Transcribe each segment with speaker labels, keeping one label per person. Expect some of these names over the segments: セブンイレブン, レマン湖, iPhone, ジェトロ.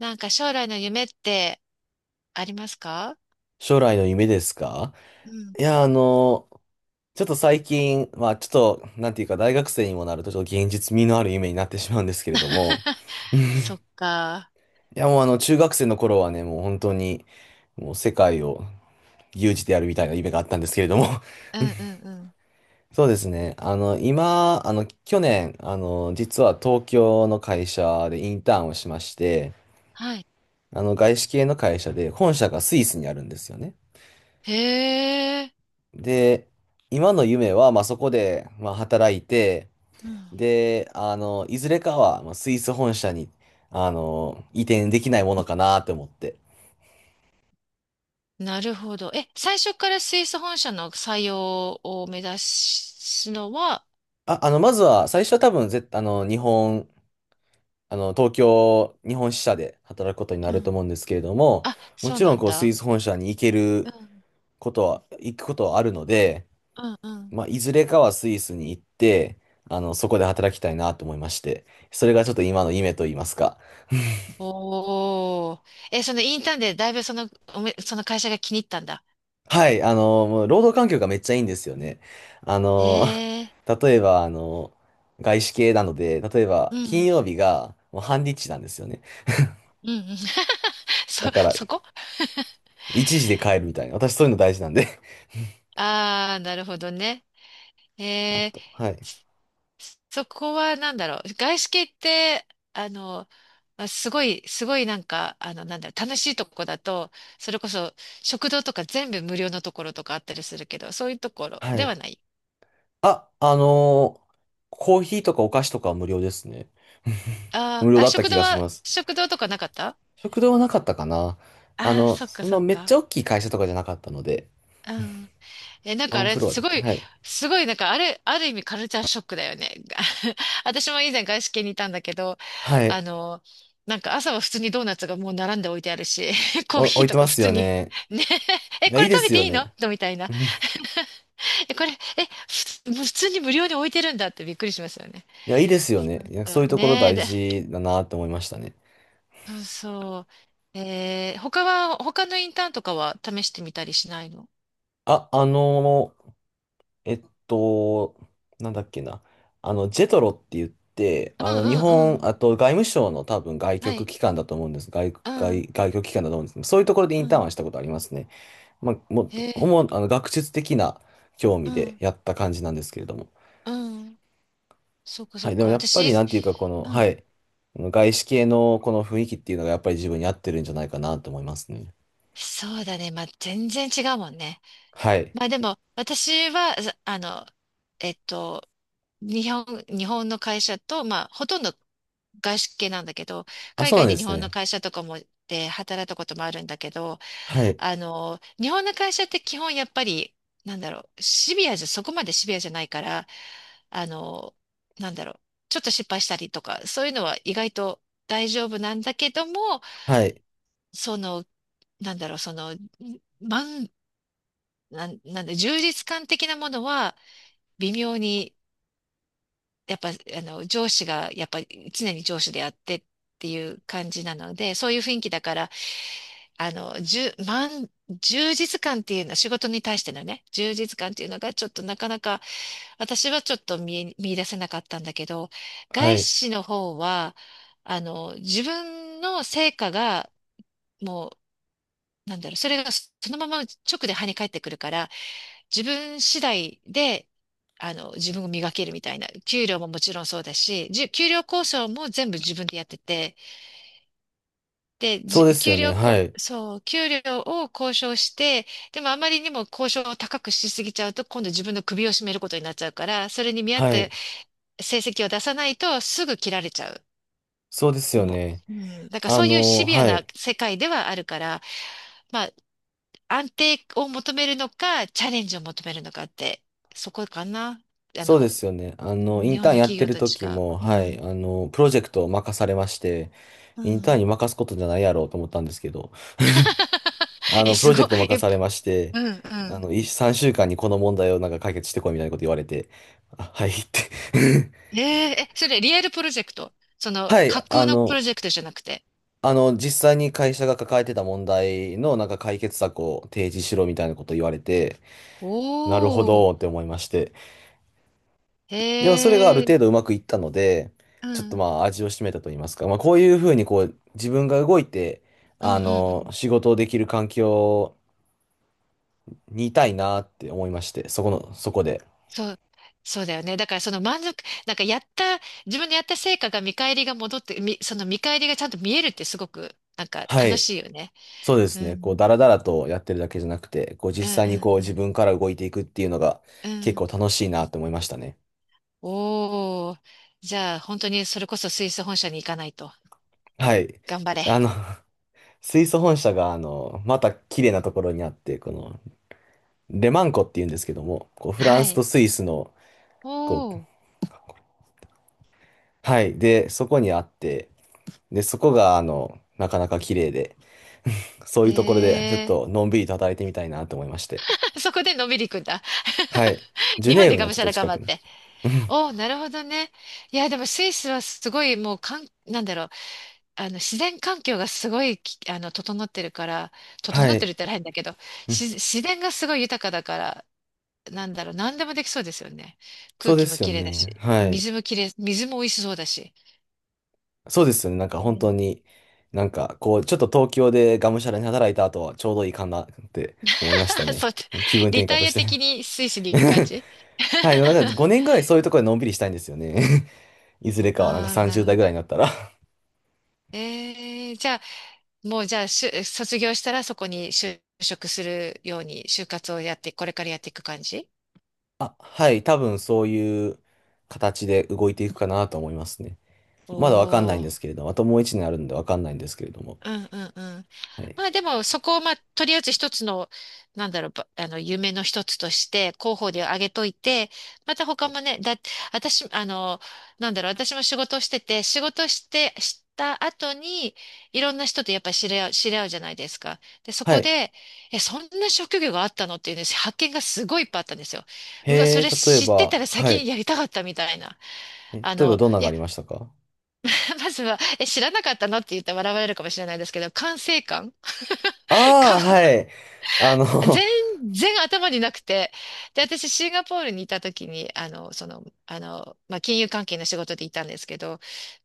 Speaker 1: なんか将来の夢ってありますか？
Speaker 2: 将来の夢ですか。
Speaker 1: うん。
Speaker 2: いや、あの、ちょっと最近、まあちょっと、なんていうか、大学生にもなると、ちょっと現実味のある夢になってしまうんですけれども、
Speaker 1: そっか。
Speaker 2: いや、もうあの、中学生の頃はね、もう本当に、世界を牛耳でやるみたいな夢があったんですけれども、
Speaker 1: うんうんうん。
Speaker 2: そうですね。あの、今、あの、去年、実は東京の会社でインターンをしまして、
Speaker 1: はい。
Speaker 2: 外資系の会社で、本社がスイスにあるんですよね。
Speaker 1: へえ、
Speaker 2: で、今の夢は、まあ、そこで、まあ、働いて、
Speaker 1: うん。
Speaker 2: で、いずれかは、まあ、スイス本社に、移転できないものかなって思って。
Speaker 1: なるほど。え、最初からスイス本社の採用を目指すのは？
Speaker 2: まずは、最初は多分、ぜ、あの、日本、あの、東京、日本支社で働くことにな
Speaker 1: う
Speaker 2: ると
Speaker 1: ん。
Speaker 2: 思うんですけれども、
Speaker 1: あ、
Speaker 2: も
Speaker 1: そう
Speaker 2: ちろ
Speaker 1: な
Speaker 2: ん、
Speaker 1: ん
Speaker 2: こう、スイ
Speaker 1: だ。
Speaker 2: ス本社に行け
Speaker 1: う
Speaker 2: る
Speaker 1: ん
Speaker 2: ことは、行くことはあるので、
Speaker 1: うんうん。
Speaker 2: まあ、いずれかはスイスに行って、そこで働きたいなと思いまして、それがちょっと今の夢と言いますか、
Speaker 1: おー。え、そのインターンでだいぶその、その会社が気に入ったんだ。
Speaker 2: はい、もう労働環境がめっちゃいいんですよね。あ
Speaker 1: へ
Speaker 2: の、
Speaker 1: え。
Speaker 2: 例えば、外資系なので、例えば、
Speaker 1: う
Speaker 2: 金
Speaker 1: ん。
Speaker 2: 曜日がもう半日なんですよね。
Speaker 1: うんうん。そ、
Speaker 2: だから、
Speaker 1: そこ、
Speaker 2: 一時で帰るみたいな。私、そういうの大事なんで。
Speaker 1: ああー、なるほどね。へ
Speaker 2: あ
Speaker 1: え。
Speaker 2: と、はい。
Speaker 1: そこはなんだろう。外資系って、あの、まあすごい、なんか、なんだろう、楽しいとこだと、それこそ食堂とか全部無料のところとかあったりするけど、そういうところ
Speaker 2: は
Speaker 1: で
Speaker 2: い。
Speaker 1: はない？
Speaker 2: あ、あのーコーヒーとかお菓子とかは無料ですね。無
Speaker 1: あ
Speaker 2: 料
Speaker 1: ーあ、
Speaker 2: だった気がします。
Speaker 1: 食堂とかなかった？
Speaker 2: 食堂はなかったかな。あ
Speaker 1: ああー、
Speaker 2: の、
Speaker 1: そっか
Speaker 2: そん
Speaker 1: そ
Speaker 2: な
Speaker 1: っ
Speaker 2: めっち
Speaker 1: か。
Speaker 2: ゃ大きい会社とかじゃなかったので、
Speaker 1: うん。え、なん
Speaker 2: ワ
Speaker 1: かあ
Speaker 2: ン
Speaker 1: れ、
Speaker 2: フロアだった。はい。
Speaker 1: すごい、なんかあれ、ある意味カルチャーショックだよね。私も以前外資系にいたんだけど、
Speaker 2: はい。
Speaker 1: あの、なんか朝は普通にドーナツがもう並んで置いてあるし、コー
Speaker 2: お、
Speaker 1: ヒー
Speaker 2: 置いて
Speaker 1: とか
Speaker 2: ま
Speaker 1: 普
Speaker 2: すよ
Speaker 1: 通に、
Speaker 2: ね。
Speaker 1: ね、
Speaker 2: い
Speaker 1: え、
Speaker 2: や、
Speaker 1: こ
Speaker 2: いい
Speaker 1: れ
Speaker 2: で
Speaker 1: 食べ
Speaker 2: す
Speaker 1: て
Speaker 2: よ
Speaker 1: いいの
Speaker 2: ね。
Speaker 1: みたいな。え、これ、え、ふ普通に無料に置いてるんだってびっくりしますよね。
Speaker 2: いや、いいですよ
Speaker 1: そ
Speaker 2: ね。
Speaker 1: う
Speaker 2: いや、
Speaker 1: そ
Speaker 2: そう
Speaker 1: う、
Speaker 2: いうところ
Speaker 1: ねえ、
Speaker 2: 大
Speaker 1: で、
Speaker 2: 事だなって思いましたね。
Speaker 1: そうそう。えー、他は、他のインターンとかは試してみたりしないの？
Speaker 2: あ、あのー、えっと、なんだっけな。あの、ジェトロって言って、
Speaker 1: うん
Speaker 2: あの、日
Speaker 1: うんう
Speaker 2: 本、
Speaker 1: ん。
Speaker 2: あと外務省の多分外
Speaker 1: は
Speaker 2: 局
Speaker 1: い。
Speaker 2: 機関だと思うんです。外、
Speaker 1: う
Speaker 2: 外、
Speaker 1: ん
Speaker 2: 外局機関だと思うんですけど、そういうところでイ
Speaker 1: う
Speaker 2: ンターン
Speaker 1: ん。
Speaker 2: はしたことありますね。まあ、もう、
Speaker 1: へえ。
Speaker 2: 主にあの、学術的な興味
Speaker 1: う
Speaker 2: で
Speaker 1: ん。
Speaker 2: やった感じなんですけれども。
Speaker 1: うん。そうか
Speaker 2: は
Speaker 1: そう
Speaker 2: い、で
Speaker 1: か。
Speaker 2: もやっぱ
Speaker 1: 私、
Speaker 2: りなんていうか、この、
Speaker 1: う
Speaker 2: は
Speaker 1: ん、
Speaker 2: い、あの外資系のこの雰囲気っていうのがやっぱり自分に合ってるんじゃないかなと思いますね。
Speaker 1: そうだね。まあ、全然違うもんね。
Speaker 2: はい。
Speaker 1: まあでも、私は、ざあの、えっと、日本、日本の会社と、まあ、ほとんど外資系なんだけど、
Speaker 2: あ、
Speaker 1: 海
Speaker 2: そうな
Speaker 1: 外
Speaker 2: ん
Speaker 1: で
Speaker 2: で
Speaker 1: 日
Speaker 2: す
Speaker 1: 本の
Speaker 2: ね。
Speaker 1: 会社とかもで働いたこともあるんだけど、
Speaker 2: はい。
Speaker 1: あの、日本の会社って基本やっぱり、なんだろう、シビアじゃ、そこまでシビアじゃないから、あの、なんだろう、ちょっと失敗したりとか、そういうのは意外と大丈夫なんだけども、
Speaker 2: はい。
Speaker 1: その、なんだろう、その、満、なん、なんだ、充実感的なものは、微妙に、やっぱ、あの、上司が、やっぱり常に上司であってっていう感じなので、そういう雰囲気だから、あの、じゅ、満、充実感っていうのは、仕事に対してのね、充実感っていうのが、ちょっとなかなか、私はちょっと見え、見出せなかったんだけど、
Speaker 2: は
Speaker 1: 外
Speaker 2: い。
Speaker 1: 資の方は、あの、自分の成果が、もう、なんだろう、それがそのまま直で跳ね返ってくるから、自分次第で、あの、自分を磨けるみたいな、給料ももちろんそうだし、給料交渉も全部自分でやってて、で、
Speaker 2: そ
Speaker 1: じ
Speaker 2: うです
Speaker 1: 給
Speaker 2: よね。
Speaker 1: 料
Speaker 2: は
Speaker 1: こ、
Speaker 2: い。
Speaker 1: そう、給料を交渉して、でもあまりにも交渉を高くしすぎちゃうと、今度自分の首を絞めることになっちゃうから、それに見合っ
Speaker 2: は
Speaker 1: た
Speaker 2: い。
Speaker 1: 成績を出さないとすぐ切られちゃう。
Speaker 2: そうですよ
Speaker 1: も
Speaker 2: ね。
Speaker 1: う、うん、だから
Speaker 2: あ
Speaker 1: そういうシ
Speaker 2: の、
Speaker 1: ビア
Speaker 2: は
Speaker 1: な
Speaker 2: い。
Speaker 1: 世界ではあるから、まあ、安定を求めるのか、チャレンジを求めるのかって、そこかな。あ
Speaker 2: そうで
Speaker 1: の、
Speaker 2: すよね。あの、イ
Speaker 1: 日
Speaker 2: ン
Speaker 1: 本
Speaker 2: ター
Speaker 1: の
Speaker 2: ンやっ
Speaker 1: 企
Speaker 2: て
Speaker 1: 業
Speaker 2: る
Speaker 1: と違
Speaker 2: 時
Speaker 1: う。
Speaker 2: も、
Speaker 1: う
Speaker 2: はい。
Speaker 1: ん。
Speaker 2: あの、プロジェクトを任されまして、
Speaker 1: う
Speaker 2: インターンに
Speaker 1: ん。
Speaker 2: 任すことじゃないやろうと思ったんですけど、あ
Speaker 1: え、
Speaker 2: の、プ
Speaker 1: す
Speaker 2: ロジ
Speaker 1: ご
Speaker 2: ェ
Speaker 1: い。
Speaker 2: クト
Speaker 1: え、
Speaker 2: 任されまして、
Speaker 1: うん、うん。
Speaker 2: 3週間にこの問題をなんか解決してこいみたいなこと言われて、あ、はいって
Speaker 1: えー、え、それリアルプロジェクト？そ の
Speaker 2: はい、
Speaker 1: 架
Speaker 2: あ
Speaker 1: 空のプ
Speaker 2: の、
Speaker 1: ロジェクトじゃなくて？
Speaker 2: あの、実際に会社が抱えてた問題のなんか解決策を提示しろみたいなこと言われて、
Speaker 1: お
Speaker 2: なるほ
Speaker 1: お、
Speaker 2: どって思いまして。でもそれがあ
Speaker 1: へ
Speaker 2: る
Speaker 1: え。
Speaker 2: 程度うまくいったので、
Speaker 1: う
Speaker 2: ちょっと
Speaker 1: ん。
Speaker 2: まあ味を占めたと言いますか、まあこういうふうにこう自分が動いて、
Speaker 1: う
Speaker 2: あ
Speaker 1: んうんう
Speaker 2: の、
Speaker 1: ん。
Speaker 2: 仕事をできる環境にいたいなって思いまして、そこの、そこで。
Speaker 1: そう。そうだよね。だからその満足、なんかやった、自分でやった成果が見返りが戻って、その見返りがちゃんと見えるってすごく、なんか
Speaker 2: は
Speaker 1: 楽
Speaker 2: い。
Speaker 1: しいよね。
Speaker 2: そうで
Speaker 1: う
Speaker 2: すね。こう、
Speaker 1: ん。
Speaker 2: だらだらとやってるだけじゃなくて、こう、
Speaker 1: うん
Speaker 2: 実際
Speaker 1: う
Speaker 2: にこう、
Speaker 1: んう
Speaker 2: 自
Speaker 1: ん
Speaker 2: 分から動いていくっていうのが
Speaker 1: う
Speaker 2: 結
Speaker 1: ん。
Speaker 2: 構楽しいなって思いましたね。
Speaker 1: おー。じゃあ、本当にそれこそスイス本社に行かないと。
Speaker 2: はい。
Speaker 1: 頑張れ。
Speaker 2: あの、水素本社が、あの、また綺麗なところにあって、この、レマン湖っていうんですけども、こうフラ
Speaker 1: は
Speaker 2: ンスと
Speaker 1: い。
Speaker 2: スイスの、こう、
Speaker 1: おー。
Speaker 2: はい、で、そこにあって、で、そこが、あの、なかなか綺麗で、そうい
Speaker 1: へ
Speaker 2: うところで、ちょっ
Speaker 1: え。
Speaker 2: とのんびりと働いてみたいなと思いまして。
Speaker 1: そこでのんびり行くんだ。
Speaker 2: はい。ジュ
Speaker 1: 日本
Speaker 2: ネー
Speaker 1: で
Speaker 2: ブ
Speaker 1: が
Speaker 2: の
Speaker 1: む
Speaker 2: ちょ
Speaker 1: し
Speaker 2: っ
Speaker 1: ゃ
Speaker 2: と
Speaker 1: ら頑
Speaker 2: 近
Speaker 1: 張っ
Speaker 2: くの。
Speaker 1: て。おー、なるほどね。いや、でもスイスはすごいもうかん、なんだろう。あの、自然環境がすごいき、あの、整ってるから、整
Speaker 2: は
Speaker 1: ってる
Speaker 2: い。
Speaker 1: って言ったら変だけど、
Speaker 2: うん、
Speaker 1: 自然がすごい豊かだから、なんだろう。何でもできそうですよね。空
Speaker 2: そうで
Speaker 1: 気も
Speaker 2: すよ
Speaker 1: 綺麗だ
Speaker 2: ね。
Speaker 1: し、
Speaker 2: はい。
Speaker 1: 水もきれい水も美味しそうだし。
Speaker 2: そうですよね。なんか
Speaker 1: う
Speaker 2: 本
Speaker 1: ん。
Speaker 2: 当に、なんかこう、ちょっと東京でがむしゃらに働いた後はちょうどいいかなって思いました ね。
Speaker 1: そう、
Speaker 2: 気分
Speaker 1: リ
Speaker 2: 転換
Speaker 1: タ
Speaker 2: と
Speaker 1: イ
Speaker 2: し
Speaker 1: ア的
Speaker 2: て。
Speaker 1: にスイスに行く感 じ？
Speaker 2: はい、なんか5 年ぐらいそういうところでのんびりしたいんですよね。いずれかはなんか
Speaker 1: ああ、なる
Speaker 2: 30
Speaker 1: ほ
Speaker 2: 代
Speaker 1: ど。
Speaker 2: ぐらいになったら
Speaker 1: えー、じゃあ、卒業したらそこに就職するように、就活をやって、これからやっていく感じ？
Speaker 2: あ、はい、多分そういう形で動いていくかなと思いますね。
Speaker 1: お、
Speaker 2: まだわかんない
Speaker 1: お
Speaker 2: んです
Speaker 1: ー。
Speaker 2: けれども、あともう一年あるんでわかんないんですけれども。
Speaker 1: うんうんうん。
Speaker 2: はい。
Speaker 1: まあでもそこをまあとりあえず一つの、あの、夢の一つとして広報で挙げといて、また他もね、私、あの、なんだろう、私も仕事をしてて、仕事して、した後に、いろんな人とやっぱり知り合うじゃないですか。で、そ
Speaker 2: は
Speaker 1: こ
Speaker 2: い。
Speaker 1: で、え、そんな職業があったのっていうね、発見がすごいいっぱいあったんですよ。うわ、
Speaker 2: へ
Speaker 1: そ
Speaker 2: え、
Speaker 1: れ
Speaker 2: 例え
Speaker 1: 知ってた
Speaker 2: ば、
Speaker 1: ら
Speaker 2: は
Speaker 1: 先
Speaker 2: い。
Speaker 1: にやりたかったみたいな。
Speaker 2: え、
Speaker 1: あ
Speaker 2: 例えば
Speaker 1: の、
Speaker 2: どんなの
Speaker 1: い
Speaker 2: があ
Speaker 1: や、
Speaker 2: りましたか？
Speaker 1: まずは、え、知らなかったのって言ったら笑われるかもしれないですけど、管制官。
Speaker 2: あ
Speaker 1: か、
Speaker 2: あー、は い。あの、
Speaker 1: 全 然頭になくて。で、私、シンガポールにいた時に、まあ、金融関係の仕事でいたんですけど、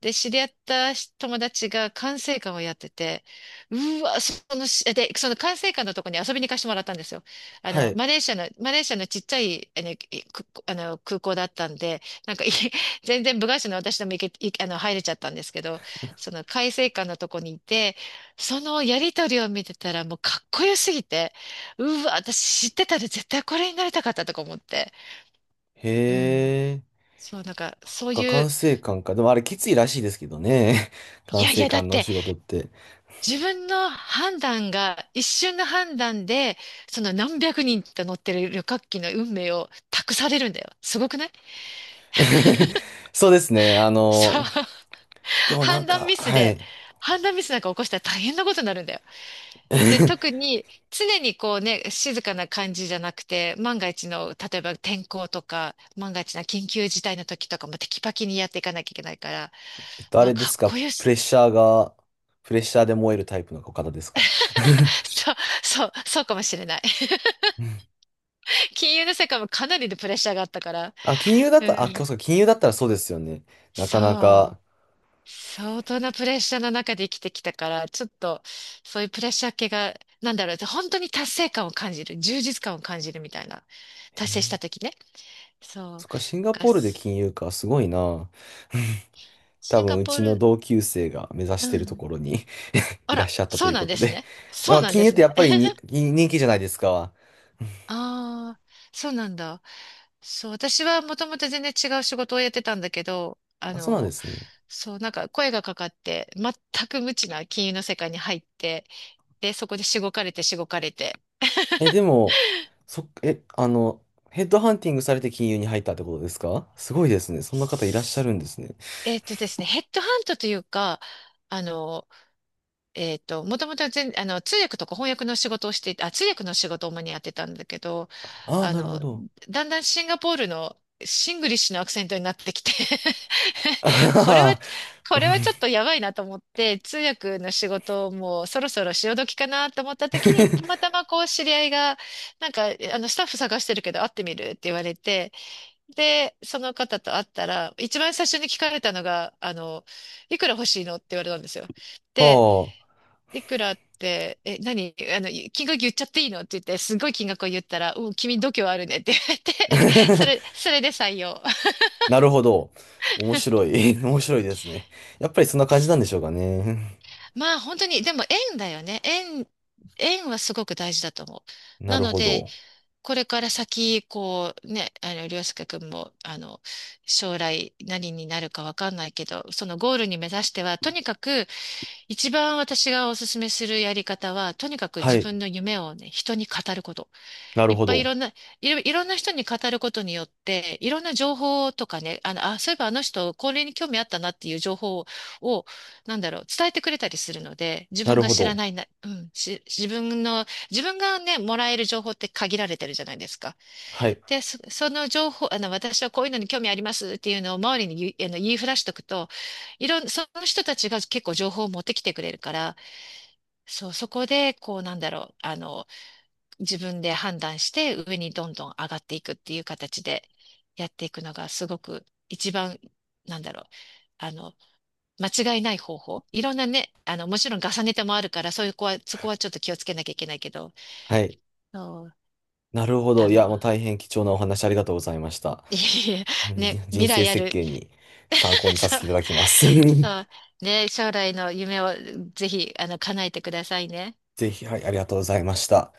Speaker 1: で、知り合った友達が管制官をやってて、うわ、そのし、で、その管制官のとこに遊びに行かせてもらったんですよ。あ
Speaker 2: は
Speaker 1: の、
Speaker 2: い。
Speaker 1: マレーシアのちっちゃい、あの空港だったんで、なんか、い 全然部外者の私でも行け、いあの、入れちゃったんですけど、その管制官のとこにいて、そのやりとりを見てたらもうかっこよすぎて、うわ、私知ってたで絶対これになりたかったとか思って。
Speaker 2: へ
Speaker 1: うん。
Speaker 2: え、
Speaker 1: そう、なんか、
Speaker 2: そっか、管制官か。でもあれきついらしいですけどね。
Speaker 1: い
Speaker 2: 管
Speaker 1: やい
Speaker 2: 制
Speaker 1: や、だっ
Speaker 2: 官のお
Speaker 1: て、
Speaker 2: 仕事って。
Speaker 1: 自分の判断が、一瞬の判断で、その何百人と乗ってる旅客機の運命を託されるんだよ。すごくない？
Speaker 2: そうですね。あ
Speaker 1: そう。
Speaker 2: の、でもなん
Speaker 1: 判断
Speaker 2: か、
Speaker 1: ミス
Speaker 2: は
Speaker 1: で、
Speaker 2: い。
Speaker 1: 判断ミスなんか起こしたら大変なことになるんだよ。で、特 に常にこうね、静かな感じじゃなくて、万が一の、例えば天候とか、万が一な緊急事態の時とかもテキパキにやっていかなきゃいけないから、
Speaker 2: えっと、
Speaker 1: う
Speaker 2: あ
Speaker 1: わ、
Speaker 2: れで
Speaker 1: か
Speaker 2: す
Speaker 1: っ
Speaker 2: か、
Speaker 1: こよ
Speaker 2: プ
Speaker 1: し。
Speaker 2: レッシャーが、プレッシャーで燃えるタイプの方ですか？
Speaker 1: そう、そうかもしれない。金融の世界もかなりのプレッシャーがあったから。
Speaker 2: あ、金融だっ
Speaker 1: う
Speaker 2: たら、あ、
Speaker 1: ん。
Speaker 2: そうか、金融だったらそうですよね。なかな
Speaker 1: そ
Speaker 2: か。
Speaker 1: う。相当なプレッシャーの中で生きてきたから、ちょっと、そういうプレッシャー系が、なんだろう、本当に達成感を感じる、充実感を感じるみたいな。
Speaker 2: へ
Speaker 1: 達成し
Speaker 2: え、
Speaker 1: た時ね。そう。
Speaker 2: そっか、シン
Speaker 1: なん
Speaker 2: ガ
Speaker 1: か
Speaker 2: ポールで金融か、すごいな。多
Speaker 1: シン
Speaker 2: 分、
Speaker 1: ガ
Speaker 2: う
Speaker 1: ポー
Speaker 2: ちの
Speaker 1: ル、
Speaker 2: 同級生が目指
Speaker 1: う
Speaker 2: してると
Speaker 1: ん。
Speaker 2: ころに
Speaker 1: あ
Speaker 2: いらっ
Speaker 1: ら、
Speaker 2: しゃったと
Speaker 1: そ
Speaker 2: い
Speaker 1: う
Speaker 2: う
Speaker 1: な
Speaker 2: こ
Speaker 1: んで
Speaker 2: と
Speaker 1: す
Speaker 2: で。
Speaker 1: ね。そ
Speaker 2: ま
Speaker 1: う
Speaker 2: あ
Speaker 1: なん
Speaker 2: 金
Speaker 1: で
Speaker 2: 融っ
Speaker 1: す
Speaker 2: てや
Speaker 1: ね。
Speaker 2: っ ぱりに、人気じゃないですか。
Speaker 1: ああ、そうなんだ。そう、私はもともと全然違う仕事をやってたんだけど、あ
Speaker 2: あ、そうなんで
Speaker 1: の、
Speaker 2: すね。
Speaker 1: そう、なんか声がかかって、全く無知な金融の世界に入って、で、そこでしごかれて。
Speaker 2: え、でも、そっ、え、あの、ヘッドハンティングされて金融に入ったってことですか？すごいですね。そんな方いらっしゃるんですね。
Speaker 1: えっとですね、ヘッドハントというか、あの、もともと全、あの、通訳とか翻訳の仕事をしていたあ、通訳の仕事を主にやってたんだけど、
Speaker 2: ああ、
Speaker 1: あ
Speaker 2: なるほ
Speaker 1: の、
Speaker 2: ど。
Speaker 1: だんだんシンガポールのシングリッシュのアクセントになってきて。
Speaker 2: あは
Speaker 1: これは、
Speaker 2: は。
Speaker 1: これはちょっとやばいなと思って、通訳の仕事をもうそろそろ潮時かなと思った時に、たまた まこう知り合いが、なんか、スタッフ探してるけど会ってみるって言われて、で、その方と会ったら、一番最初に聞かれたのが、あの、いくら欲しいのって言われたんですよ。
Speaker 2: は
Speaker 1: で、
Speaker 2: あ。
Speaker 1: いくらって、え、何あの、金額言っちゃっていいのって言って、すごい金額を言ったら、うん、君度胸あるねって言われて、それで採用。
Speaker 2: なるほど。面白い。面白いですね。やっぱりそんな感じなんでしょう かね。
Speaker 1: まあ本当に、でも縁だよね。縁はすごく大事だと思う。
Speaker 2: な
Speaker 1: な
Speaker 2: る
Speaker 1: の
Speaker 2: ほ
Speaker 1: で、
Speaker 2: ど。
Speaker 1: これから先、こうね、あの、りょうすけくんも、あの、将来何になるかわかんないけど、そのゴールに目指しては、とにかく、一番私がお勧めするやり方は、とにかく
Speaker 2: は
Speaker 1: 自
Speaker 2: い。
Speaker 1: 分の夢をね、人に語ること。
Speaker 2: なる
Speaker 1: いっ
Speaker 2: ほ
Speaker 1: ぱいい
Speaker 2: ど。
Speaker 1: ろんな、いろ、いろんな人に語ることによって、いろんな情報とかね、あの、あ、そういえばあの人、これに興味あったなっていう情報を、なんだろう、伝えてくれたりするので、自
Speaker 2: な
Speaker 1: 分
Speaker 2: る
Speaker 1: が
Speaker 2: ほ
Speaker 1: 知ら
Speaker 2: ど。
Speaker 1: ないな、うん、し、自分の、自分がね、もらえる情報って限られてるじゃないですか。
Speaker 2: はい。
Speaker 1: で、その情報、あの、私はこういうのに興味ありますっていうのを周りに言い、あの、言いふらしとくと、いろん、その人たちが結構情報を持ってきてくれるから、そう、そこで、こう、なんだろう、あの、自分で判断して上にどんどん上がっていくっていう形でやっていくのがすごく一番、なんだろう、あの、間違いない方法。いろんなね、あの、もちろん重ねてもあるから、そういう子は、そこはちょっと気をつけなきゃいけないけど、
Speaker 2: はい。
Speaker 1: そう、
Speaker 2: なるほど。
Speaker 1: あ
Speaker 2: いや、
Speaker 1: の、
Speaker 2: もう大変貴重なお話ありがとうございました。
Speaker 1: いえいえ、ね、
Speaker 2: 人
Speaker 1: 未
Speaker 2: 生
Speaker 1: 来あ
Speaker 2: 設
Speaker 1: る、
Speaker 2: 計に参考 にさ
Speaker 1: そ
Speaker 2: せ
Speaker 1: う、
Speaker 2: ていただきます。
Speaker 1: そう、ね、将来の夢をぜひ、あの、叶えてくださいね。
Speaker 2: ぜひ、はい、ありがとうございました。